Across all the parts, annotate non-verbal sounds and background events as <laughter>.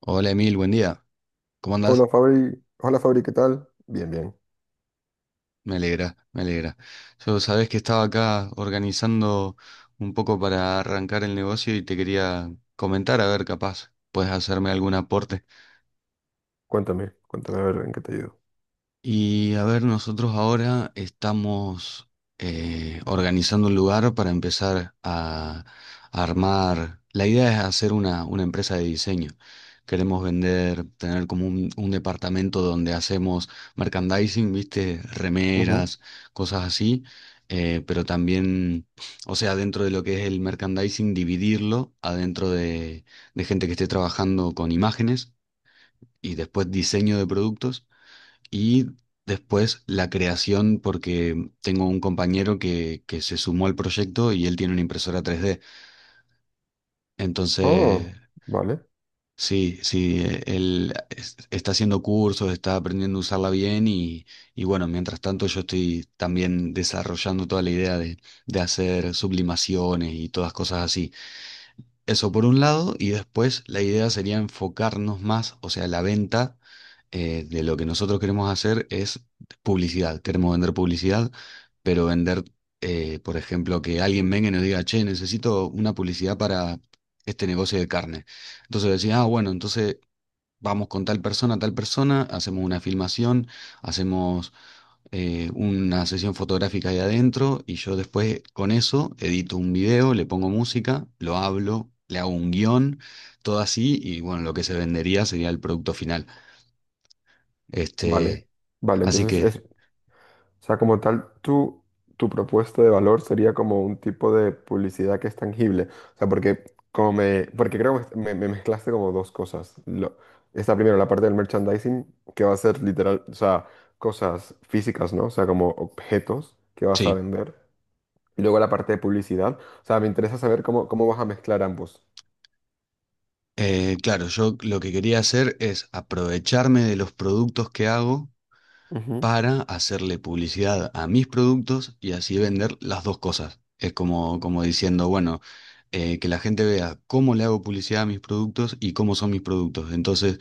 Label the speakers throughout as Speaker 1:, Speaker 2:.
Speaker 1: Hola Emil, buen día. ¿Cómo
Speaker 2: Hola
Speaker 1: andás?
Speaker 2: Fabri, ¿qué tal? Bien, bien.
Speaker 1: Me alegra, me alegra. Yo Sabés que estaba acá organizando un poco para arrancar el negocio y te quería comentar, a ver, capaz, puedes hacerme algún aporte.
Speaker 2: Cuéntame, a ver en qué te ayudo.
Speaker 1: Y a ver, nosotros ahora estamos organizando un lugar para empezar a armar. La idea es hacer una empresa de diseño. Queremos vender, tener como un departamento donde hacemos merchandising, viste,
Speaker 2: Ujú.
Speaker 1: remeras, cosas así. Pero también, o sea, dentro de lo que es el merchandising, dividirlo adentro de gente que esté trabajando con imágenes y después diseño de productos. Y después la creación, porque tengo un compañero que se sumó al proyecto y él tiene una impresora 3D. Entonces,
Speaker 2: Oh, vale,
Speaker 1: sí, sí, está haciendo cursos, está aprendiendo a usarla bien y bueno, mientras tanto yo estoy también desarrollando toda la idea de hacer sublimaciones y todas cosas así. Eso por un lado, y después la idea sería enfocarnos más, o sea, la venta de lo que nosotros queremos hacer es publicidad. Queremos vender publicidad, pero vender, por ejemplo, que alguien venga y nos diga, che, necesito una publicidad para este negocio de carne. Entonces decía, ah, bueno, entonces vamos con tal persona, hacemos una filmación, hacemos una sesión fotográfica ahí adentro y yo después con eso edito un video, le pongo música, lo hablo, le hago un guión, todo así y bueno, lo que se vendería sería el producto final.
Speaker 2: vale,
Speaker 1: Este,
Speaker 2: vale.
Speaker 1: así
Speaker 2: Entonces
Speaker 1: que
Speaker 2: es, o sea, como tal, tu propuesta de valor sería como un tipo de publicidad que es tangible. O sea, porque como porque creo que me mezclaste como dos cosas. Está primero la parte del merchandising, que va a ser literal, o sea, cosas físicas, ¿no? O sea, como objetos que vas a
Speaker 1: sí.
Speaker 2: vender. Y luego la parte de publicidad. O sea, me interesa saber cómo, cómo vas a mezclar ambos.
Speaker 1: Claro, yo lo que quería hacer es aprovecharme de los productos que hago
Speaker 2: Ujú.
Speaker 1: para hacerle publicidad a mis productos y así vender las dos cosas. Es como, como diciendo, bueno, que la gente vea cómo le hago publicidad a mis productos y cómo son mis productos. Entonces,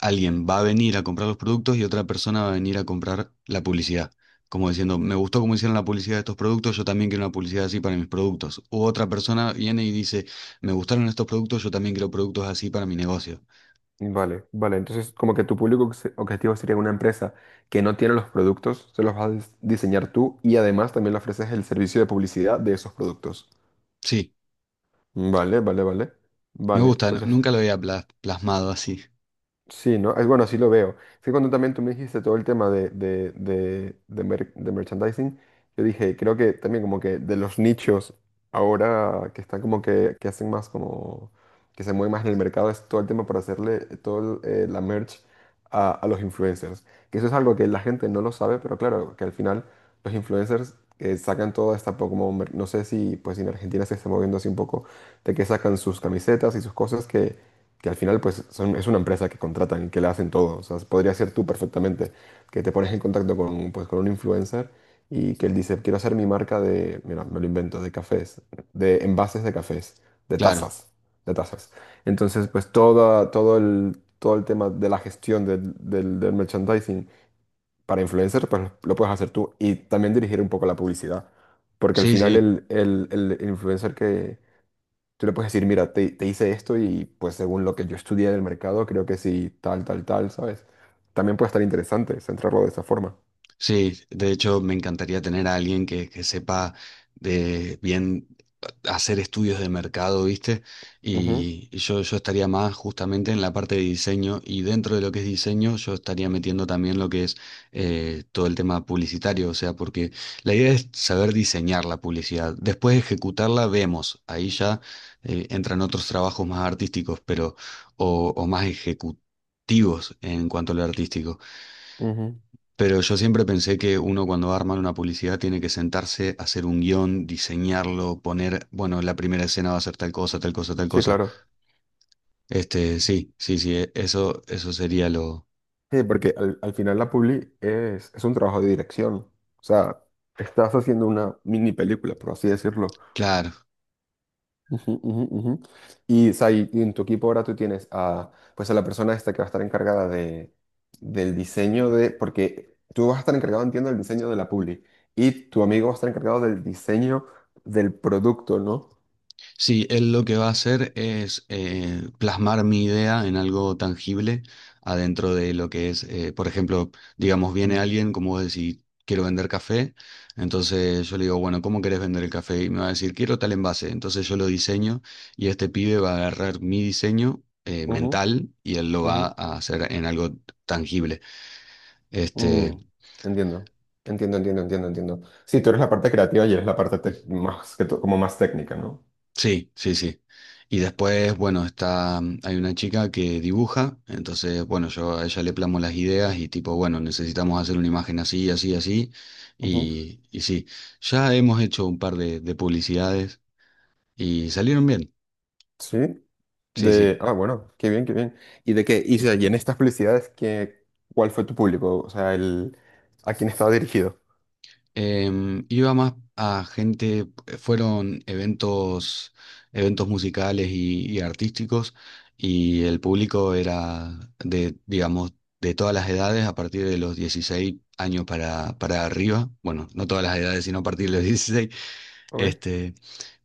Speaker 1: alguien va a venir a comprar los productos y otra persona va a venir a comprar la publicidad. Como diciendo, me gustó cómo hicieron la publicidad de estos productos, yo también quiero una publicidad así para mis productos. U otra persona viene y dice, me gustaron estos productos, yo también quiero productos así para mi negocio.
Speaker 2: Vale, vale. Entonces, como que tu público objetivo sería una empresa que no tiene los productos, se los vas a diseñar tú y además también le ofreces el servicio de publicidad de esos productos.
Speaker 1: Sí,
Speaker 2: Vale, vale, vale.
Speaker 1: me
Speaker 2: Vale,
Speaker 1: gusta,
Speaker 2: pues
Speaker 1: nunca lo había plasmado así.
Speaker 2: sí, ¿no? Es bueno, así lo veo. Sí, cuando también tú me dijiste todo el tema de, de de merchandising, yo dije, creo que también como que de los nichos ahora que están como que hacen más como, que se mueven más en el mercado, es todo el tema para hacerle todo el, la merch a los influencers. Que eso es algo que la gente no lo sabe, pero claro, que al final los influencers sacan toda esta, como, no sé si pues en Argentina se está moviendo así un poco, de que sacan sus camisetas y sus cosas que al final pues es una empresa que contratan y que le hacen todo. O sea, podría ser tú perfectamente, que te pones en contacto con, pues, con un influencer y que él dice, quiero hacer mi marca de, mira, me lo invento, de cafés, de envases de cafés, de
Speaker 1: Claro,
Speaker 2: tazas, de tazas. Entonces, pues toda, todo el tema de la gestión del, del merchandising para influencer, pues lo puedes hacer tú y también dirigir un poco la publicidad. Porque al
Speaker 1: sí,
Speaker 2: final
Speaker 1: sí.
Speaker 2: el, el influencer que, tú le puedes decir, mira, te hice esto y pues según lo que yo estudié del mercado, creo que sí, tal, tal, tal, ¿sabes? También puede estar interesante centrarlo de esa forma.
Speaker 1: Sí, de hecho me encantaría tener a alguien que sepa de bien hacer estudios de mercado, ¿viste? Y, y yo estaría más justamente en la parte de diseño y dentro de lo que es diseño yo estaría metiendo también lo que es todo el tema publicitario, o sea, porque la idea es saber diseñar la publicidad, después ejecutarla vemos, ahí ya entran otros trabajos más artísticos, pero o más ejecutivos en cuanto a lo artístico.
Speaker 2: Ujú, ujú.
Speaker 1: Pero yo siempre pensé que uno cuando va a armar una publicidad tiene que sentarse, hacer un guión, diseñarlo, poner, bueno, la primera escena va a ser tal cosa, tal cosa, tal
Speaker 2: Sí,
Speaker 1: cosa.
Speaker 2: claro.
Speaker 1: Este, sí, sí, sí, eso, eso sería lo...
Speaker 2: Sí, porque al, al final la publi es un trabajo de dirección. O sea, estás haciendo una mini película, por así decirlo.
Speaker 1: Claro,
Speaker 2: Ujú, ujú, ujú. Y, o sea, y en tu equipo ahora tú tienes a, pues a la persona esta que va a estar encargada de, del diseño de, porque tú vas a estar encargado, entiendo, del diseño de la publi y tu amigo va a estar encargado del diseño del producto, ¿no?
Speaker 1: sí, él lo que va a hacer es plasmar mi idea en algo tangible adentro de lo que es, por ejemplo, digamos, viene
Speaker 2: Mm.
Speaker 1: alguien, como vos decís, quiero vender café, entonces yo le digo, bueno, ¿cómo querés vender el café? Y me va a decir, quiero tal envase, entonces yo lo diseño y este pibe va a agarrar mi diseño
Speaker 2: Ujú,
Speaker 1: mental y él lo
Speaker 2: ujú,
Speaker 1: va a hacer en algo tangible.
Speaker 2: mm.
Speaker 1: Este.
Speaker 2: Entiendo, entiendo, entiendo, entiendo, entiendo. Sí, tú eres la parte creativa y eres la parte más que como más técnica, ¿no?
Speaker 1: Sí, sí, sí. Y después, bueno, está, hay una chica que dibuja, entonces, bueno, yo a ella le plamo las ideas y tipo, bueno, necesitamos hacer una imagen así, así, así. Y sí, ya hemos hecho un par de publicidades y salieron bien.
Speaker 2: Sí.
Speaker 1: Sí, sí.
Speaker 2: De, ah, bueno, qué bien, qué bien. ¿Y de qué? Y, o sea, y en estas publicidades, ¿qué, cuál fue tu público? O sea, el, ¿a quién estaba dirigido?
Speaker 1: Iba más a gente, fueron eventos, eventos musicales y artísticos, y el público era de, digamos, de todas las edades, a partir de los 16 años para arriba. Bueno, no todas las edades, sino a partir de los <laughs> 16.
Speaker 2: Ok.
Speaker 1: Este,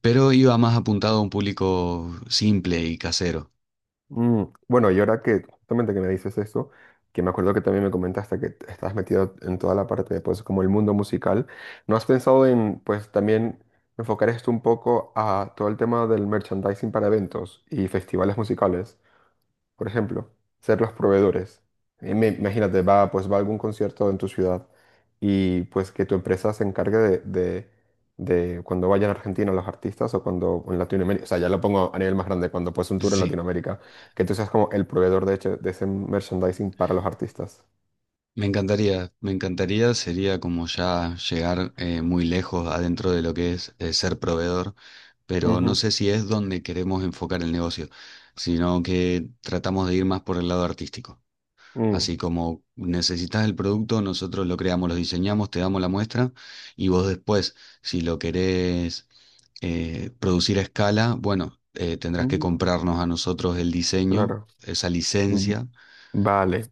Speaker 1: pero iba más apuntado a un público simple y casero.
Speaker 2: Mm, bueno, y ahora que justamente que me dices esto, que me acuerdo que también me comentaste que estás metido en toda la parte de, pues, como el mundo musical, ¿no has pensado en, pues, también enfocar esto un poco a todo el tema del merchandising para eventos y festivales musicales? Por ejemplo, ser los proveedores. Y imagínate, va, pues va a algún concierto en tu ciudad y pues que tu empresa se encargue de, de cuando vayan a Argentina los artistas o cuando en Latinoamérica, o sea, ya lo pongo a nivel más grande, cuando pues un tour en
Speaker 1: Sí.
Speaker 2: Latinoamérica, que tú seas como el proveedor de hecho de ese merchandising para los artistas.
Speaker 1: Me encantaría, sería como ya llegar muy lejos adentro de lo que es ser proveedor, pero no
Speaker 2: Ujú.
Speaker 1: sé si es donde queremos enfocar el negocio, sino que tratamos de ir más por el lado artístico.
Speaker 2: Mm.
Speaker 1: Así como necesitas el producto, nosotros lo creamos, lo diseñamos, te damos la muestra y vos después, si lo querés producir a escala, bueno, tendrás que
Speaker 2: Mm,
Speaker 1: comprarnos a nosotros el diseño,
Speaker 2: claro.
Speaker 1: esa
Speaker 2: Mm,
Speaker 1: licencia.
Speaker 2: vale,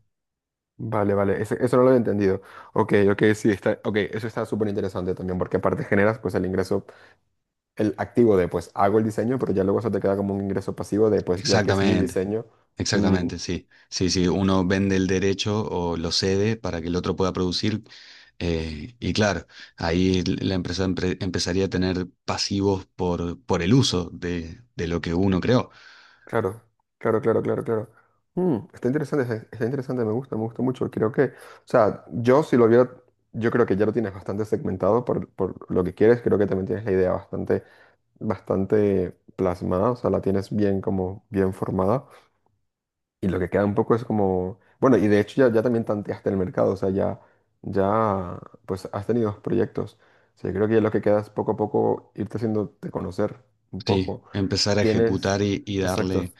Speaker 2: vale, vale. Eso no lo he entendido. Ok, ok, sí, está, ok, eso está súper interesante también porque aparte generas pues el ingreso, el activo de pues hago el diseño, pero ya luego eso te queda como un ingreso pasivo de pues ya que es mi
Speaker 1: Exactamente,
Speaker 2: diseño. Mm,
Speaker 1: exactamente, sí. Sí, sí, uno vende el derecho o lo cede para que el otro pueda producir. Y claro, ahí la empresa empezaría a tener pasivos por el uso de lo que uno creó.
Speaker 2: claro, claro. Mm, está interesante, está está interesante, me gusta mucho. Creo que, o sea, yo si lo viera, yo creo que ya lo tienes bastante segmentado por lo que quieres, creo que también tienes la idea bastante, bastante plasmada, o sea, la tienes bien como bien formada. Y lo que queda un poco es como, bueno, y de hecho ya, ya también tanteaste el mercado, o sea, ya, ya, pues has tenido dos proyectos. O sea, yo creo que ya lo que queda es poco a poco irte haciéndote conocer un
Speaker 1: Sí,
Speaker 2: poco.
Speaker 1: empezar a ejecutar
Speaker 2: Tienes,
Speaker 1: y
Speaker 2: exacto,
Speaker 1: darle.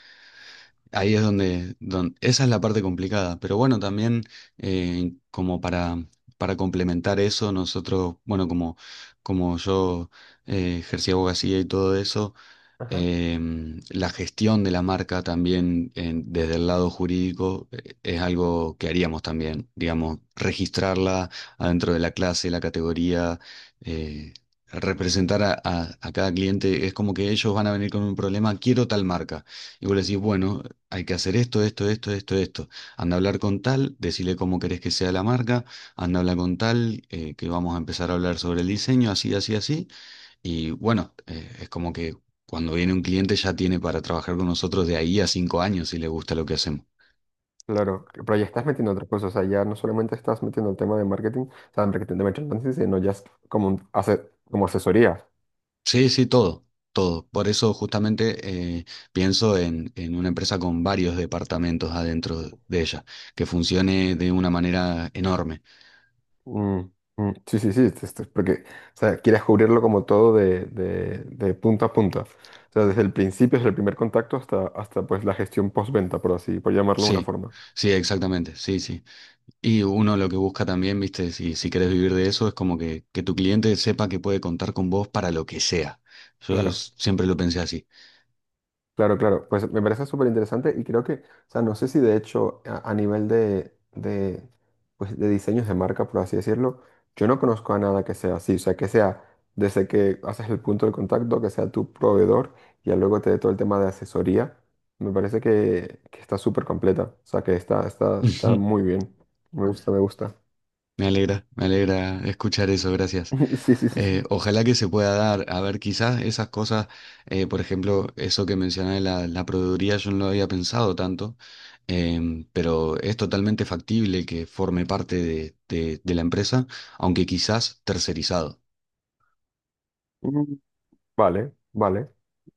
Speaker 1: Ahí es donde, esa es la parte complicada. Pero bueno, también como para complementar eso, nosotros, bueno, como, como yo ejercí abogacía y todo eso.
Speaker 2: ajá.
Speaker 1: Eh, la gestión de la marca también desde el lado jurídico, es algo que haríamos también, digamos, registrarla adentro de la clase, la categoría, eh, representar a cada cliente. Es como que ellos van a venir con un problema, quiero tal marca. Y vos le decís, bueno, hay que hacer esto, esto, esto, esto, esto. Anda a hablar con tal, decirle cómo querés que sea la marca, anda a hablar con tal, que vamos a empezar a hablar sobre el diseño, así, así, así. Y bueno, es como que cuando viene un cliente ya tiene para trabajar con nosotros de ahí a 5 años si le gusta lo que hacemos.
Speaker 2: Claro, pero ya estás metiendo otras cosas, o sea, ya no solamente estás metiendo el tema de marketing, o sea, de marketing de merchandising, sino ya es como un como asesoría.
Speaker 1: Sí, sí, todo, todo. Por eso justamente pienso en una empresa con varios departamentos adentro de ella, que funcione de una manera enorme.
Speaker 2: Mm, mm. Sí, sí, sí, esto es porque, o sea, quieres cubrirlo como todo de, de punta a punta. O sea, desde el principio, desde el primer contacto hasta, hasta pues la gestión postventa, por así, por llamarlo de una
Speaker 1: Sí,
Speaker 2: forma.
Speaker 1: sí, exactamente, sí, sí. Y uno lo que busca también, viste, si querés vivir de eso, es como que tu cliente sepa que puede contar con vos para lo que sea. Yo
Speaker 2: Claro.
Speaker 1: siempre lo pensé así.
Speaker 2: Claro, claro, pues me parece súper interesante y creo que, o sea, no sé si de hecho a nivel de, pues, de diseños de marca, por así decirlo, yo no conozco a nada que sea así, o sea, que sea desde que haces el punto de contacto, que sea tu proveedor y ya luego te dé todo el tema de asesoría, me parece que está súper completa, o sea, que está, está muy
Speaker 1: <laughs>
Speaker 2: bien, me gusta, me gusta.
Speaker 1: Me alegra escuchar eso, gracias.
Speaker 2: <laughs> Sí, sí, sí, sí.
Speaker 1: Ojalá que se pueda dar, a ver, quizás esas cosas, por ejemplo, eso que mencioné, la proveeduría, yo no lo había pensado tanto, pero es totalmente factible que forme parte de, de la empresa, aunque quizás tercerizado.
Speaker 2: Mm, vale, vale,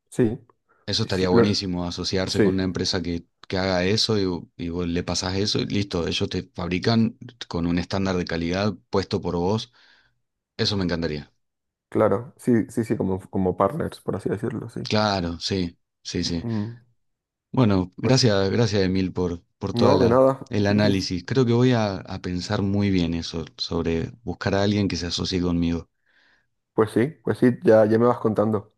Speaker 2: sí,
Speaker 1: Eso
Speaker 2: sí, sí,
Speaker 1: estaría buenísimo, asociarse con
Speaker 2: sí,
Speaker 1: una empresa que haga eso y, y vos le pasás eso y listo, ellos te fabrican con un estándar de calidad puesto por vos. Eso me encantaría.
Speaker 2: claro, sí, sí, sí, como, como partners, por así decirlo, sí.
Speaker 1: Claro, sí, sí, sí.
Speaker 2: Mm,
Speaker 1: Bueno,
Speaker 2: pues
Speaker 1: gracias, gracias Emil por toda
Speaker 2: no, de
Speaker 1: la,
Speaker 2: nada.
Speaker 1: el
Speaker 2: <laughs>
Speaker 1: análisis. Creo que voy a pensar muy bien eso, sobre buscar a alguien que se asocie conmigo.
Speaker 2: Pues sí, ya, ya me vas contando.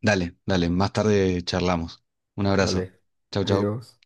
Speaker 1: Dale, dale, más tarde charlamos. Un abrazo.
Speaker 2: Vale,
Speaker 1: Chau, chau.
Speaker 2: adiós.